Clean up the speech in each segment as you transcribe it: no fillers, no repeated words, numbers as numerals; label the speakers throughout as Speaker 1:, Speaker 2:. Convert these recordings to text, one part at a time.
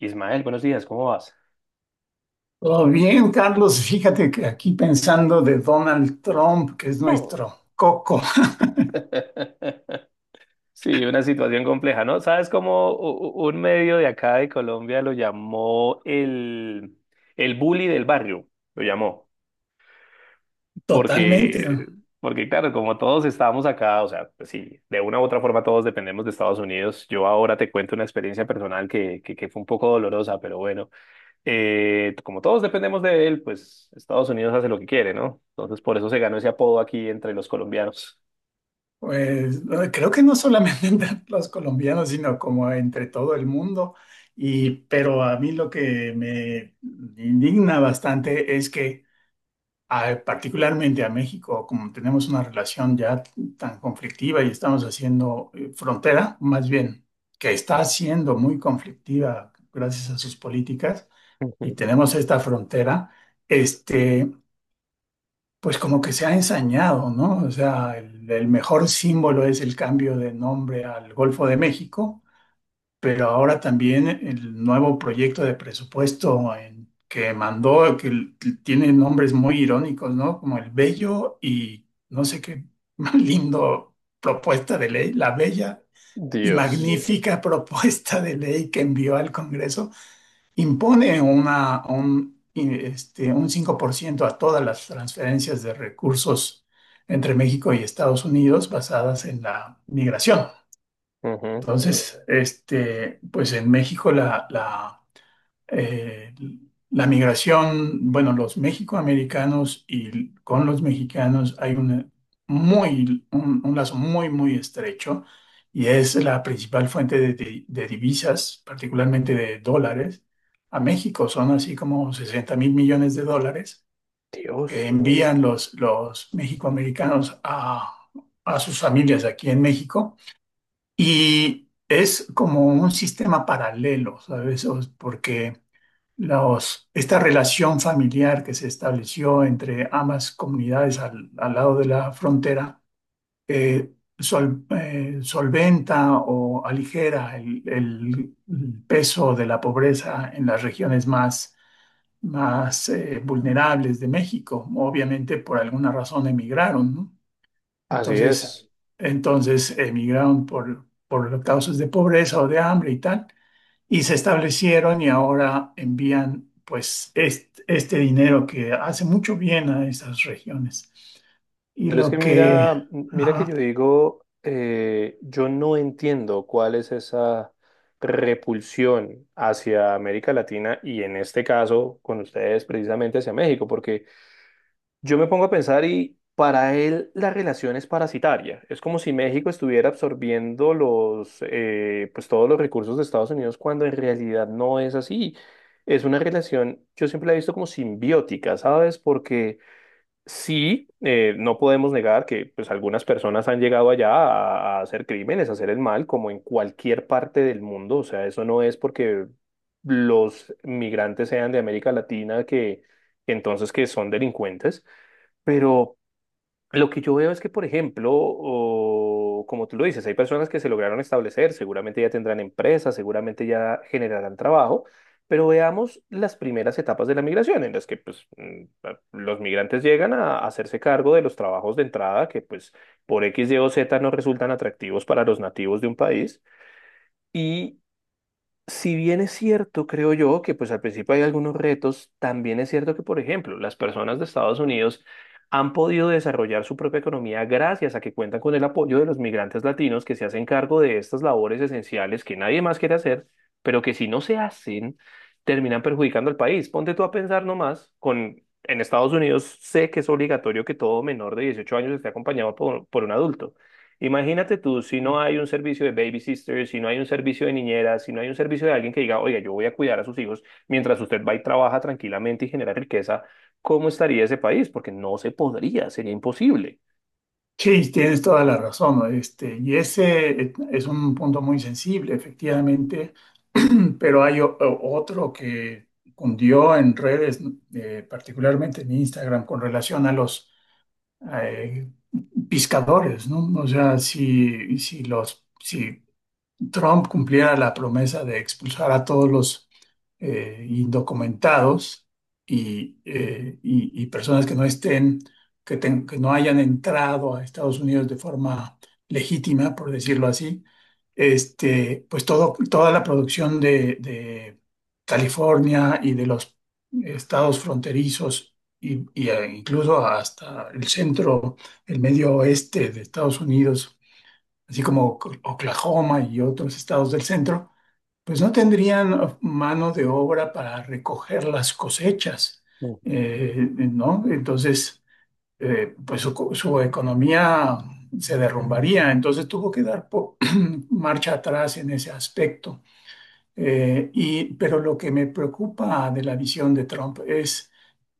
Speaker 1: Ismael, buenos días, ¿cómo vas?
Speaker 2: Todo bien, Carlos. Fíjate que aquí pensando de Donald Trump, que es
Speaker 1: Mm.
Speaker 2: nuestro coco,
Speaker 1: Sí, una situación compleja, ¿no? ¿Sabes cómo un medio de acá de Colombia lo llamó el bully del barrio? Lo llamó.
Speaker 2: totalmente.
Speaker 1: Porque, porque claro, como todos estábamos acá, o sea, pues sí, de una u otra forma todos dependemos de Estados Unidos. Yo ahora te cuento una experiencia personal que fue un poco dolorosa, pero bueno, como todos dependemos de él, pues Estados Unidos hace lo que quiere, ¿no? Entonces por eso se ganó ese apodo aquí entre los colombianos.
Speaker 2: Pues creo que no solamente entre los colombianos, sino como entre todo el mundo. Y pero a mí lo que me indigna bastante es que, particularmente a México, como tenemos una relación ya tan conflictiva y estamos haciendo frontera, más bien, que está siendo muy conflictiva gracias a sus políticas y tenemos esta frontera, este, pues como que se ha ensañado, ¿no? O sea, el mejor símbolo es el cambio de nombre al Golfo de México, pero ahora también el nuevo proyecto de presupuesto que mandó, tiene nombres muy irónicos, ¿no? Como el Bello y no sé qué más lindo propuesta de ley, la Bella y
Speaker 1: Dios.
Speaker 2: magnífica propuesta de ley que envió al Congreso impone un 5% a todas las transferencias de recursos entre México y Estados Unidos basadas en la migración.
Speaker 1: Ujú.
Speaker 2: Entonces, pues en México la eh, la migración, bueno, los mexicoamericanos y con los mexicanos hay una un lazo muy estrecho y es la principal fuente de, de divisas, particularmente de dólares. A México son así como $60.000 millones que
Speaker 1: Dios.
Speaker 2: envían los mexicoamericanos a sus familias aquí en México y es como un sistema paralelo, ¿sabes? Porque esta relación familiar que se estableció entre ambas comunidades al lado de la frontera eh, solventa o aligera el peso de la pobreza en las regiones más vulnerables de México. Obviamente, por alguna razón emigraron, ¿no?
Speaker 1: Así
Speaker 2: Entonces,
Speaker 1: es.
Speaker 2: entonces emigraron por causas de pobreza o de hambre y tal y se establecieron y ahora envían pues este dinero que hace mucho bien a esas regiones. Y
Speaker 1: Pero es
Speaker 2: lo
Speaker 1: que
Speaker 2: que...
Speaker 1: mira, mira que
Speaker 2: ajá.
Speaker 1: yo digo, yo no entiendo cuál es esa repulsión hacia América Latina y en este caso con ustedes precisamente hacia México, porque yo me pongo a pensar y para él la relación es parasitaria. Es como si México estuviera absorbiendo los, pues todos los recursos de Estados Unidos cuando en realidad no es así. Es una relación, yo siempre la he visto como simbiótica, ¿sabes? Porque sí, no podemos negar que pues algunas personas han llegado allá a hacer crímenes, a hacer el mal, como en cualquier parte del mundo. O sea, eso no es porque los migrantes sean de América Latina que entonces que son delincuentes. Pero lo que yo veo es que, por ejemplo, como tú lo dices, hay personas que se lograron establecer, seguramente ya tendrán empresas, seguramente ya generarán trabajo, pero veamos las primeras etapas de la migración, en las que pues, mm, los migrantes llegan a hacerse cargo de los trabajos de entrada que pues por X, Y o Z no resultan atractivos para los nativos de un país. Si bien es cierto, creo yo, que pues al principio hay algunos retos, también es cierto que, por ejemplo, las personas de Estados Unidos han podido desarrollar su propia economía gracias a que cuentan con el apoyo de los migrantes latinos que se hacen cargo de estas labores esenciales que nadie más quiere hacer, pero que si no se hacen, terminan perjudicando al país. Ponte tú a pensar nomás, en Estados Unidos sé que es obligatorio que todo menor de 18 años esté acompañado por un adulto. Imagínate tú, si no hay un servicio de baby sisters, si no hay un servicio de niñeras, si no hay un servicio de alguien que diga, oiga, yo voy a cuidar a sus hijos mientras usted va y trabaja tranquilamente y genera riqueza, ¿cómo estaría ese país? Porque no se podría, sería imposible.
Speaker 2: Sí, tienes toda la razón, ¿no? Este, y ese es un punto muy sensible, efectivamente, pero hay otro que cundió en redes, particularmente en Instagram, con relación a los eh, pescadores, ¿no? O sea, si Trump cumpliera la promesa de expulsar a todos los indocumentados y, y personas que no estén, que no hayan entrado a Estados Unidos de forma legítima, por decirlo así, pues todo, toda la producción de California y de los estados fronterizos y, incluso hasta el centro, el medio oeste de Estados Unidos así como Oklahoma y otros estados del centro, pues no tendrían mano de obra para recoger las cosechas,
Speaker 1: Ujú.
Speaker 2: ¿no? Entonces, pues su economía se derrumbaría, entonces tuvo que dar marcha atrás en ese aspecto. Pero lo que me preocupa de la visión de Trump es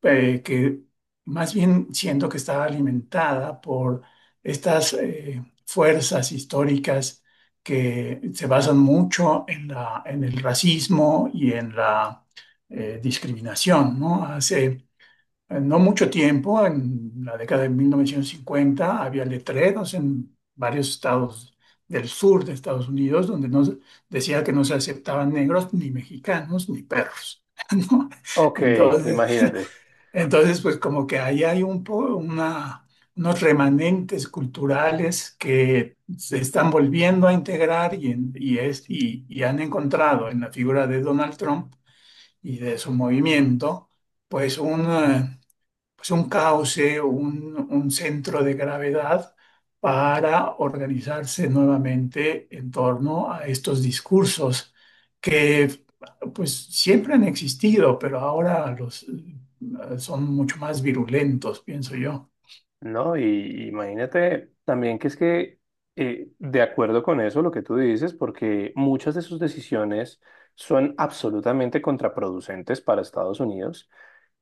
Speaker 2: que más bien siento que está alimentada por estas fuerzas históricas que se basan mucho en en el racismo y en la discriminación, ¿no? Hace en no mucho tiempo, en la década de 1950, había letreros en varios estados del sur de Estados Unidos donde decía que no se aceptaban negros, ni mexicanos, ni perros. ¿No?
Speaker 1: Ok,
Speaker 2: Entonces,
Speaker 1: imagínate,
Speaker 2: entonces, pues como que ahí hay unos remanentes culturales que se están volviendo a integrar y han encontrado en la figura de Donald Trump y de su movimiento, pues un eh, pues, un cauce, un centro de gravedad para organizarse nuevamente en torno a estos discursos que pues siempre han existido, pero ahora los son mucho más virulentos, pienso yo.
Speaker 1: ¿no? Y imagínate también que es que, de acuerdo con eso, lo que tú dices, porque muchas de sus decisiones son absolutamente contraproducentes para Estados Unidos.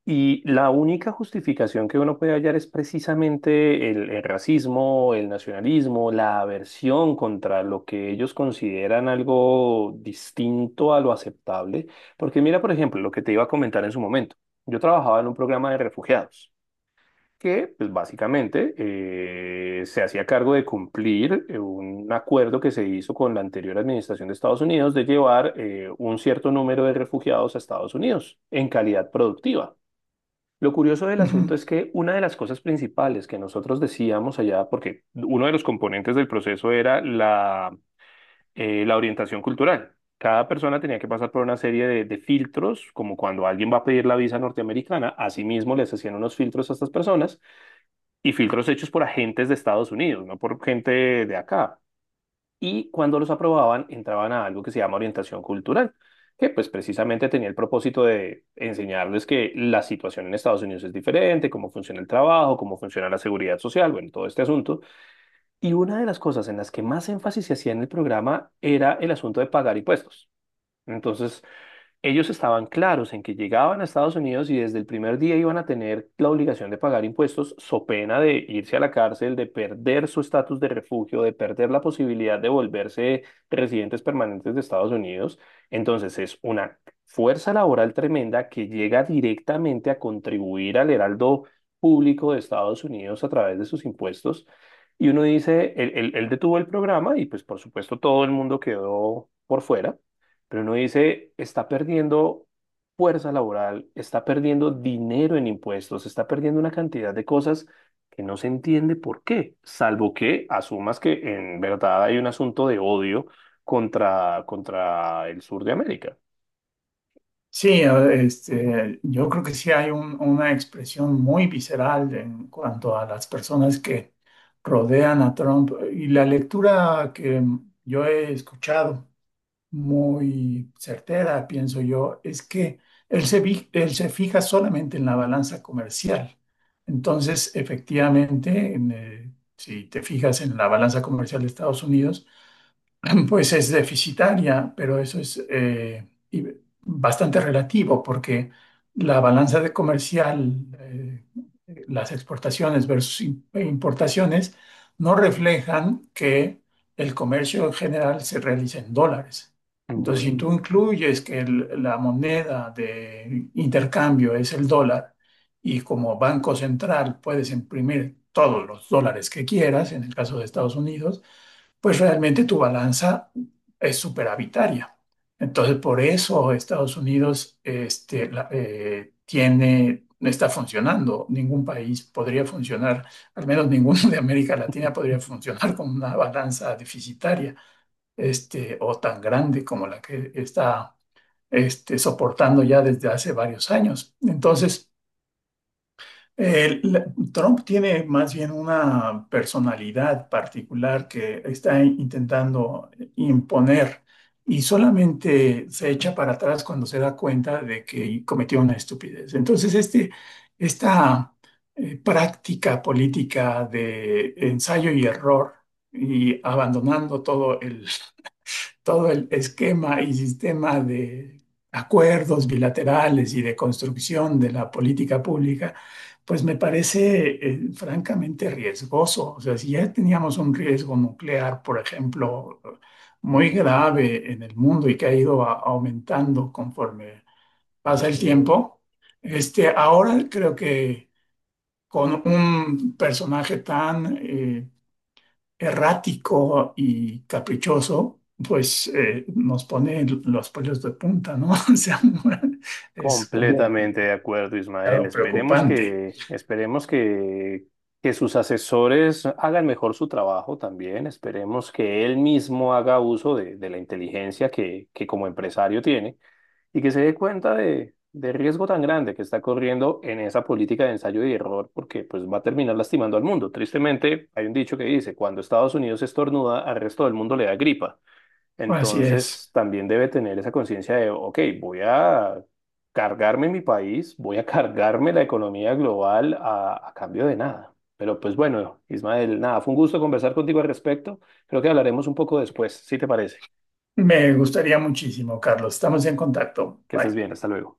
Speaker 1: Y la única justificación que uno puede hallar es precisamente el racismo, el nacionalismo, la aversión contra lo que ellos consideran algo distinto a lo aceptable. Porque mira, por ejemplo, lo que te iba a comentar en su momento. Yo trabajaba en un programa de refugiados que, pues básicamente, se hacía cargo de cumplir un acuerdo que se hizo con la anterior administración de Estados Unidos de llevar un cierto número de refugiados a Estados Unidos en calidad productiva. Lo curioso del
Speaker 2: Ujú.
Speaker 1: asunto es que una de las cosas principales que nosotros decíamos allá, porque uno de los componentes del proceso era la, la orientación cultural. Cada persona tenía que pasar por una serie de filtros, como cuando alguien va a pedir la visa norteamericana, asimismo les hacían unos filtros a estas personas y filtros hechos por agentes de Estados Unidos, no por gente de acá, y cuando los aprobaban entraban a algo que se llama orientación cultural, que pues precisamente tenía el propósito de enseñarles que la situación en Estados Unidos es diferente, cómo funciona el trabajo, cómo funciona la seguridad social, bueno, todo este asunto. Y una de las cosas en las que más énfasis se hacía en el programa era el asunto de pagar impuestos. Entonces, ellos estaban claros en que llegaban a Estados Unidos y desde el primer día iban a tener la obligación de pagar impuestos, so pena de irse a la cárcel, de perder su estatus de refugio, de perder la posibilidad de volverse residentes permanentes de Estados Unidos. Entonces es una fuerza laboral tremenda que llega directamente a contribuir al heraldo público de Estados Unidos a través de sus impuestos. Y uno dice, él detuvo el programa y pues por supuesto todo el mundo quedó por fuera. Pero uno dice, está perdiendo fuerza laboral, está perdiendo dinero en impuestos, está perdiendo una cantidad de cosas que no se entiende por qué, salvo que asumas que en verdad hay un asunto de odio contra el sur de América.
Speaker 2: Sí, yo creo que sí hay una expresión muy visceral en cuanto a las personas que rodean a Trump y la lectura que yo he escuchado muy certera, pienso yo, es que él se fija solamente en la balanza comercial. Entonces, efectivamente, si te fijas en la balanza comercial de Estados Unidos, pues es deficitaria, pero eso es bastante relativo porque la balanza de comercial, las exportaciones versus importaciones, no reflejan que el comercio en general se realiza en dólares. Entonces, si
Speaker 1: Ujú,
Speaker 2: tú incluyes que la moneda de intercambio es el dólar y como banco central puedes imprimir todos los dólares que quieras, en el caso de Estados Unidos, pues realmente tu balanza es superavitaria. Entonces, por eso Estados Unidos tiene, está funcionando. Ningún país podría funcionar, al menos ninguno de América Latina podría funcionar con una balanza deficitaria o tan grande como la que está soportando ya desde hace varios años. Entonces, eh, la- Trump tiene más bien una personalidad particular que está intentando imponer y solamente se echa para atrás cuando se da cuenta de que cometió una estupidez. Entonces, este, esta práctica política de ensayo y error y abandonando todo el esquema y sistema de acuerdos bilaterales y de construcción de la política pública, pues me parece francamente riesgoso. O sea, si ya teníamos un riesgo nuclear, por ejemplo, muy
Speaker 1: ujú.
Speaker 2: grave en el mundo y que ha ido aumentando conforme pasa el tiempo, ahora creo que con un personaje tan... errático y caprichoso, pues nos pone los pelos de punta, ¿no? O sea, es como
Speaker 1: Completamente de acuerdo, Ismael.
Speaker 2: claro,
Speaker 1: Esperemos
Speaker 2: preocupante.
Speaker 1: que, esperemos que, que sus asesores hagan mejor su trabajo también. Esperemos que él mismo haga uso de la inteligencia que como empresario tiene y que se dé cuenta de, del riesgo tan grande que está corriendo en esa política de ensayo y error, porque pues va a terminar lastimando al mundo. Tristemente, hay un dicho que dice, cuando Estados Unidos estornuda, al resto del mundo le da gripa.
Speaker 2: Así es.
Speaker 1: Entonces, también debe tener esa conciencia de, ok, voy a cargarme mi país, voy a cargarme la economía global a cambio de nada. Pero pues bueno, Ismael, nada, fue un gusto conversar contigo al respecto. Creo que hablaremos un poco después, si te parece.
Speaker 2: Me gustaría muchísimo, Carlos. Estamos en contacto.
Speaker 1: Que estés
Speaker 2: Bye.
Speaker 1: bien, hasta luego.